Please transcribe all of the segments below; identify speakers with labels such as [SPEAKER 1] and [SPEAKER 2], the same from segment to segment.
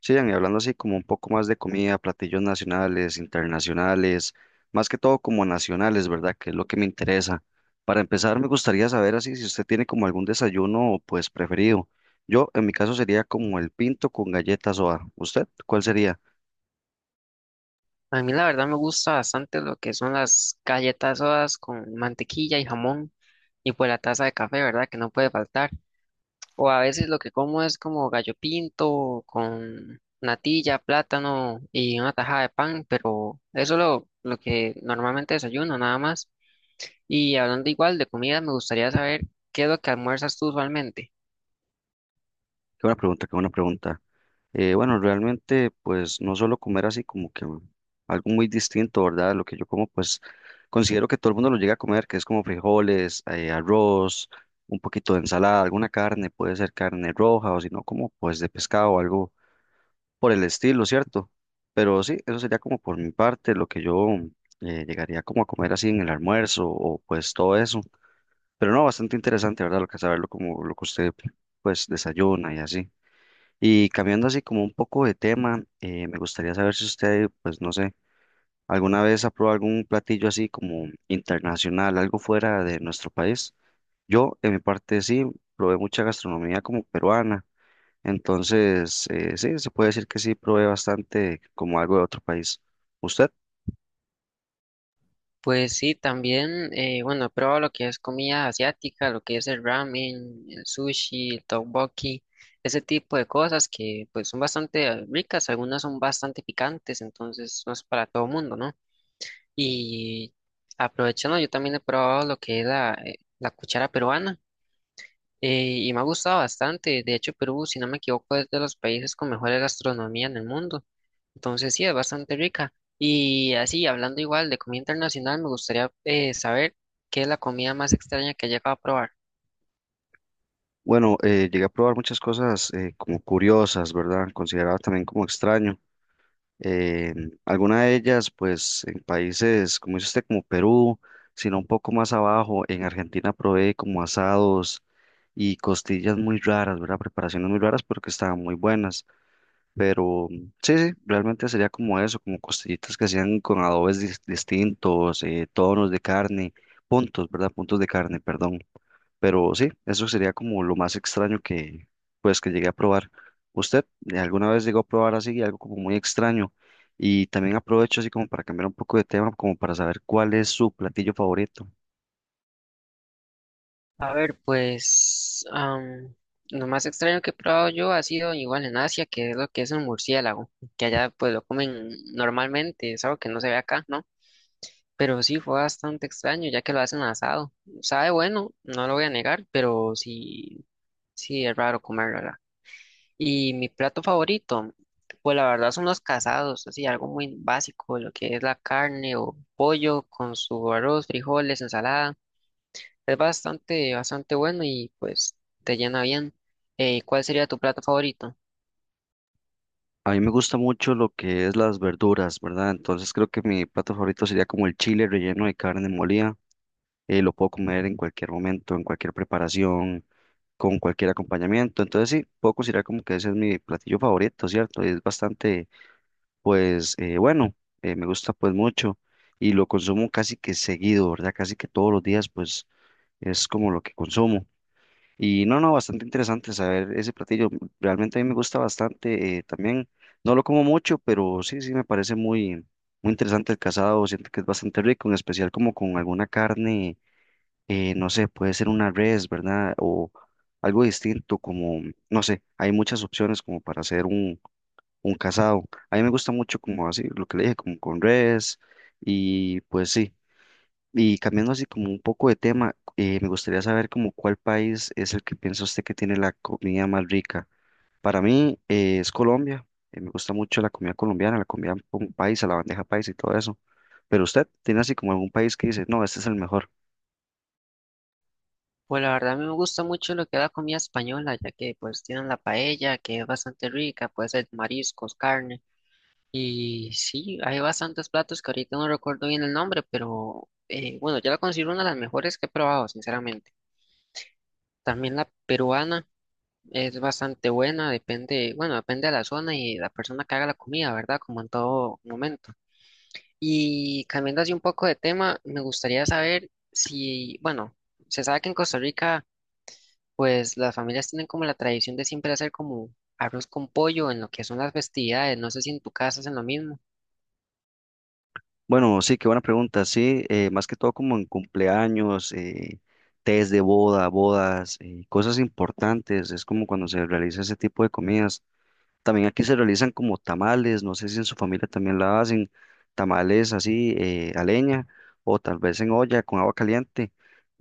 [SPEAKER 1] Sí, Ian, y hablando así como un poco más de comida, platillos nacionales, internacionales, más que todo como nacionales, ¿verdad? Que es lo que me interesa. Para empezar, me gustaría saber así si usted tiene como algún desayuno pues preferido. Yo, en mi caso, sería como el pinto con galletas o ¿usted cuál sería?
[SPEAKER 2] A mí la verdad me gusta bastante lo que son las galletas sodas con mantequilla y jamón y pues la taza de café, ¿verdad? Que no puede faltar. O a veces lo que como es como gallo pinto con natilla, plátano y una tajada de pan, pero eso es lo que normalmente desayuno, nada más. Y hablando igual de comida, me gustaría saber qué es lo que almuerzas tú usualmente.
[SPEAKER 1] Qué buena pregunta, qué buena pregunta. Bueno, realmente, pues no solo comer así como que algo muy distinto, ¿verdad? Lo que yo como, pues considero que todo el mundo lo llega a comer, que es como frijoles, arroz, un poquito de ensalada, alguna carne, puede ser carne roja o si no, como pues de pescado o algo por el estilo, ¿cierto? Pero sí, eso sería como por mi parte lo que yo llegaría como a comer así en el almuerzo o pues todo eso. Pero no, bastante interesante, ¿verdad? Lo que saberlo como lo que usted pues desayuna y así. Y cambiando así como un poco de tema, me gustaría saber si usted, pues no sé, alguna vez ha probado algún platillo así como internacional, algo fuera de nuestro país. Yo, en mi parte, sí, probé mucha gastronomía como peruana. Entonces, sí, se puede decir que sí, probé bastante como algo de otro país. ¿Usted?
[SPEAKER 2] Pues sí, también, bueno, he probado lo que es comida asiática, lo que es el ramen, el sushi, el tteokbokki, ese tipo de cosas que pues son bastante ricas, algunas son bastante picantes, entonces no es para todo mundo, ¿no? Y aprovechando, yo también he probado lo que es la cuchara peruana, y me ha gustado bastante. De hecho, Perú, si no me equivoco, es de los países con mejor gastronomía en el mundo. Entonces, sí, es bastante rica. Y así, hablando igual de comida internacional, me gustaría saber qué es la comida más extraña que he llegado a probar.
[SPEAKER 1] Bueno, llegué a probar muchas cosas como curiosas, ¿verdad? Consideraba también como extraño. eh, Alguna de ellas, pues en países, como dice usted, como Perú, sino un poco más abajo, en Argentina probé como asados y costillas muy raras, ¿verdad? Preparaciones muy raras, pero que estaban muy buenas. Pero sí, sí, realmente sería como eso, como costillitas que hacían con adobes distintos, tonos de carne, puntos, ¿verdad? Puntos de carne, perdón. Pero sí, eso sería como lo más extraño que, pues, que llegué a probar. ¿Usted alguna vez llegó a probar así algo como muy extraño? Y también aprovecho así como para cambiar un poco de tema, como para saber cuál es su platillo favorito.
[SPEAKER 2] A ver, pues lo más extraño que he probado yo ha sido igual en Asia, que es lo que es un murciélago, que allá pues lo comen normalmente, es algo que no se ve acá, ¿no? Pero sí, fue bastante extraño, ya que lo hacen asado. Sabe bueno, no lo voy a negar, pero sí, sí es raro comerlo, ¿verdad? Y mi plato favorito, pues la verdad son los casados, así algo muy básico, lo que es la carne o pollo con su arroz, frijoles, ensalada. Es bastante, bastante bueno y pues te llena bien. ¿Cuál sería tu plato favorito?
[SPEAKER 1] A mí me gusta mucho lo que es las verduras, ¿verdad? Entonces creo que mi plato favorito sería como el chile relleno de carne molida. Lo puedo comer en cualquier momento, en cualquier preparación, con cualquier acompañamiento. Entonces sí, puedo considerar como que ese es mi platillo favorito, ¿cierto? Y es bastante pues bueno, me gusta pues mucho y lo consumo casi que seguido, ¿verdad? Casi que todos los días pues es como lo que consumo. Y no, no, bastante interesante saber ese platillo. Realmente a mí me gusta bastante también. No lo como mucho, pero sí, sí me parece muy, muy interesante el casado. Siento que es bastante rico, en especial como con alguna carne, no sé, puede ser una res, ¿verdad? O algo distinto, como, no sé, hay muchas opciones como para hacer un casado. A mí me gusta mucho como así, lo que le dije, como con res y pues sí. Y cambiando así como un poco de tema, me gustaría saber como cuál país es el que piensa usted que tiene la comida más rica. Para mí es Colombia. Me gusta mucho la comida colombiana, la comida país, paisa, la bandeja paisa y todo eso. Pero usted tiene así como algún país que dice, no, este es el mejor.
[SPEAKER 2] Pues la verdad a mí me gusta mucho lo que es la comida española, ya que pues tienen la paella, que es bastante rica, puede ser mariscos, carne. Y sí, hay bastantes platos que ahorita no recuerdo bien el nombre, pero bueno, yo la considero una de las mejores que he probado, sinceramente. También la peruana es bastante buena, depende, bueno, depende de la zona y de la persona que haga la comida, ¿verdad? Como en todo momento. Y cambiando así un poco de tema, me gustaría saber si, bueno, se sabe que en Costa Rica, pues las familias tienen como la tradición de siempre hacer como arroz con pollo en lo que son las festividades. No sé si en tu casa hacen lo mismo.
[SPEAKER 1] Bueno, sí, qué buena pregunta. Sí, más que todo como en cumpleaños, tés de boda, bodas, cosas importantes. Es como cuando se realiza ese tipo de comidas. También aquí se realizan como tamales. No sé si en su familia también la hacen. Tamales así a leña o tal vez en olla con agua caliente.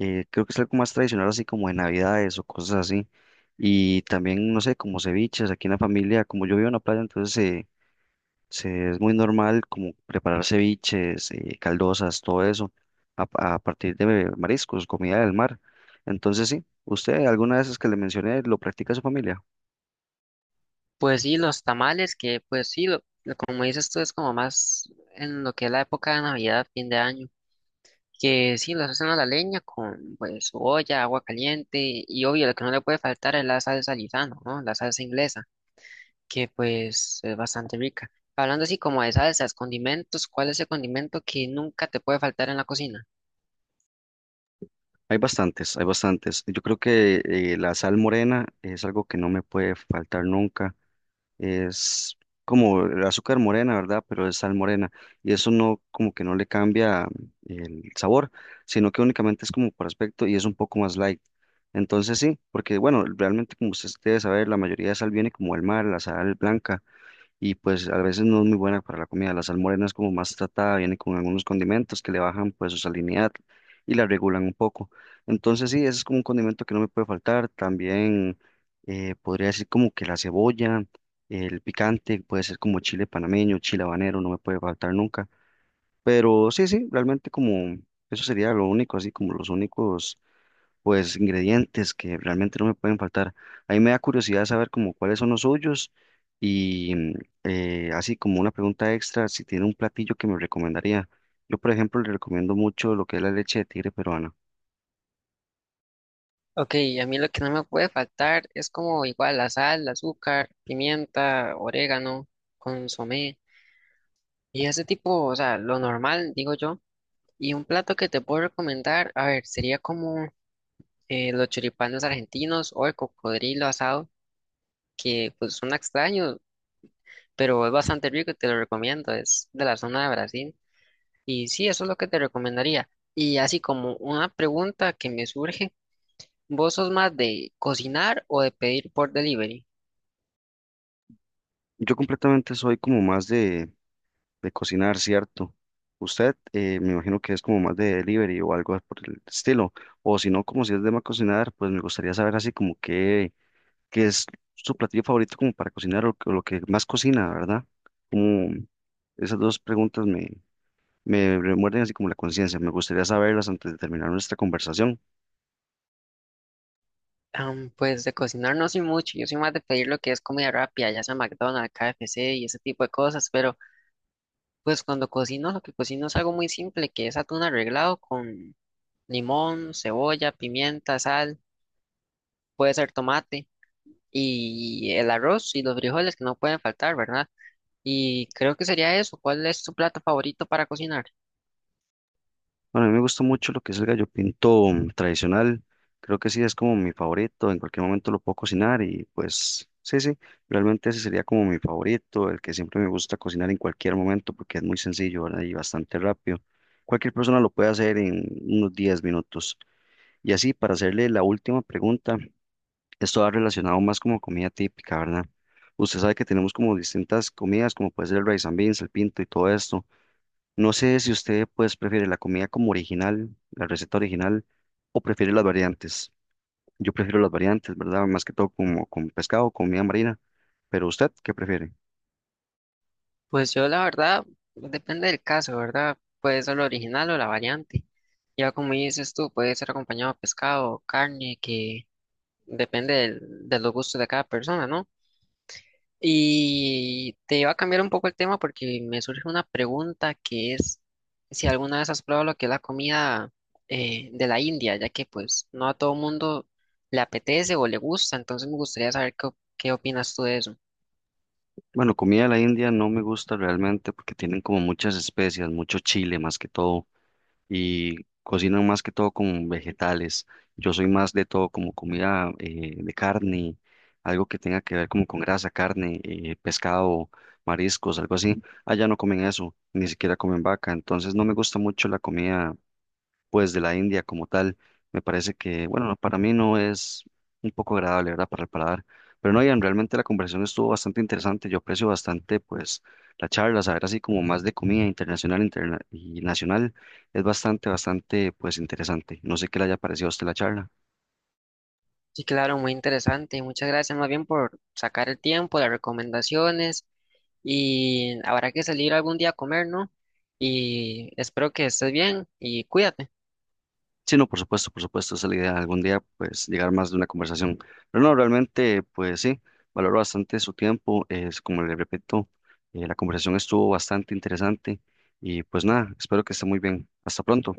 [SPEAKER 1] Creo que es algo más tradicional así como de navidades o cosas así. Y también, no sé, como ceviches. Aquí en la familia, como yo vivo en la playa, entonces... sí, es muy normal como preparar ceviches, caldosas, todo eso, a, a partir de mariscos, comida del mar. Entonces, sí, usted, alguna de esas que le mencioné, lo practica su familia.
[SPEAKER 2] Pues sí, los tamales, que pues sí, como dices tú, es como más en lo que es la época de Navidad, fin de año, que sí, los hacen a la leña con pues su olla, agua caliente y obvio, lo que no le puede faltar es la salsa Lizano, ¿no? La salsa inglesa, que pues es bastante rica. Hablando así como de salsas, condimentos, ¿cuál es el condimento que nunca te puede faltar en la cocina?
[SPEAKER 1] Hay bastantes, hay bastantes. Yo creo que la sal morena es algo que no me puede faltar nunca. Es como el azúcar morena, ¿verdad? Pero es sal morena y eso no como que no le cambia el sabor, sino que únicamente es como por aspecto y es un poco más light. Entonces sí, porque bueno, realmente como ustedes debe saber, la mayoría de sal viene como el mar, la sal blanca, y pues a veces no es muy buena para la comida. La sal morena es como más tratada, viene con algunos condimentos que le bajan pues su salinidad y la regulan un poco. Entonces sí, ese es como un condimento que no me puede faltar. También podría decir como que la cebolla, el picante, puede ser como chile panameño, chile habanero, no me puede faltar nunca. Pero sí, sí, realmente como eso sería lo único, así como los únicos pues ingredientes que realmente no me pueden faltar. A mí me da curiosidad saber como cuáles son los suyos y así como una pregunta extra, si tiene un platillo que me recomendaría. Yo, por ejemplo, le recomiendo mucho lo que es la leche de tigre peruana.
[SPEAKER 2] Ok, a mí lo que no me puede faltar es como igual la sal, el azúcar, pimienta, orégano, consomé. Y ese tipo, o sea, lo normal, digo yo. Y un plato que te puedo recomendar, a ver, sería como los choripanes argentinos o el cocodrilo asado, que pues son extraños, pero es bastante rico y te lo recomiendo, es de la zona de Brasil. Y sí, eso es lo que te recomendaría. Y así como una pregunta que me surge, ¿vos sos más de cocinar o de pedir por delivery?
[SPEAKER 1] Yo completamente soy como más de cocinar, ¿cierto? Usted me imagino que es como más de delivery o algo por el estilo. O si no, como si es de más cocinar, pues me gustaría saber así como qué, qué es su platillo favorito como para cocinar o lo que más cocina, ¿verdad? ¿Cómo, esas dos preguntas me, me remuerden así como la conciencia. Me gustaría saberlas antes de terminar nuestra conversación.
[SPEAKER 2] Pues de cocinar no soy mucho, yo soy más de pedir lo que es comida rápida, ya sea McDonald's, KFC y ese tipo de cosas, pero... Pues cuando cocino, lo que cocino es algo muy simple, que es atún arreglado con limón, cebolla, pimienta, sal, puede ser tomate y el arroz y los frijoles que no pueden faltar, ¿verdad? Y creo que sería eso. ¿Cuál es tu plato favorito para cocinar?
[SPEAKER 1] Bueno, a mí me gusta mucho lo que es el gallo pinto tradicional. Creo que sí es como mi favorito. En cualquier momento lo puedo cocinar y pues sí, sí. Realmente ese sería como mi favorito, el que siempre me gusta cocinar en cualquier momento porque es muy sencillo, ¿verdad? Y bastante rápido. Cualquier persona lo puede hacer en unos 10 minutos. Y así, para hacerle la última pregunta, esto va relacionado más como comida típica, ¿verdad? Usted sabe que tenemos como distintas comidas, como puede ser el rice and beans, el pinto y todo esto. No sé si usted pues prefiere la comida como original, la receta original, o prefiere las variantes. Yo prefiero las variantes, ¿verdad? Más que todo como con pescado, comida marina. Pero usted, ¿qué prefiere?
[SPEAKER 2] Pues yo la verdad, depende del caso, ¿verdad? Puede ser lo original o la variante. Ya como dices tú, puede ser acompañado de pescado, carne, que de los gustos de cada persona, ¿no? Y te va a cambiar un poco el tema porque me surge una pregunta que es si alguna vez has probado lo que es la comida de la India, ya que pues no a todo mundo le apetece o le gusta, entonces me gustaría saber qué, qué opinas tú de eso.
[SPEAKER 1] Bueno, comida de la India no me gusta realmente porque tienen como muchas especias, mucho chile más que todo. Y cocinan más que todo con vegetales. Yo soy más de todo como comida de carne, algo que tenga que ver como con grasa, carne, pescado, mariscos, algo así. Allá no comen eso, ni siquiera comen vaca, entonces no me gusta mucho la comida pues de la India como tal. Me parece que, bueno, para mí no es un poco agradable, ¿verdad? Para el paladar. Pero no, Ian, realmente la conversación estuvo bastante interesante. Yo aprecio bastante, pues, la charla, saber así como más de comida internacional y nacional. Es bastante, bastante, pues, interesante. No sé qué le haya parecido a usted la charla.
[SPEAKER 2] Sí, claro, muy interesante. Muchas gracias más bien por sacar el tiempo, las recomendaciones y habrá que salir algún día a comer, ¿no? Y espero que estés bien y cuídate.
[SPEAKER 1] Sí, no, por supuesto, esa es la idea, algún día pues llegar más de una conversación. Pero no, realmente pues sí, valoro bastante su tiempo, es como le repito, la conversación estuvo bastante interesante y pues nada, espero que esté muy bien. Hasta pronto.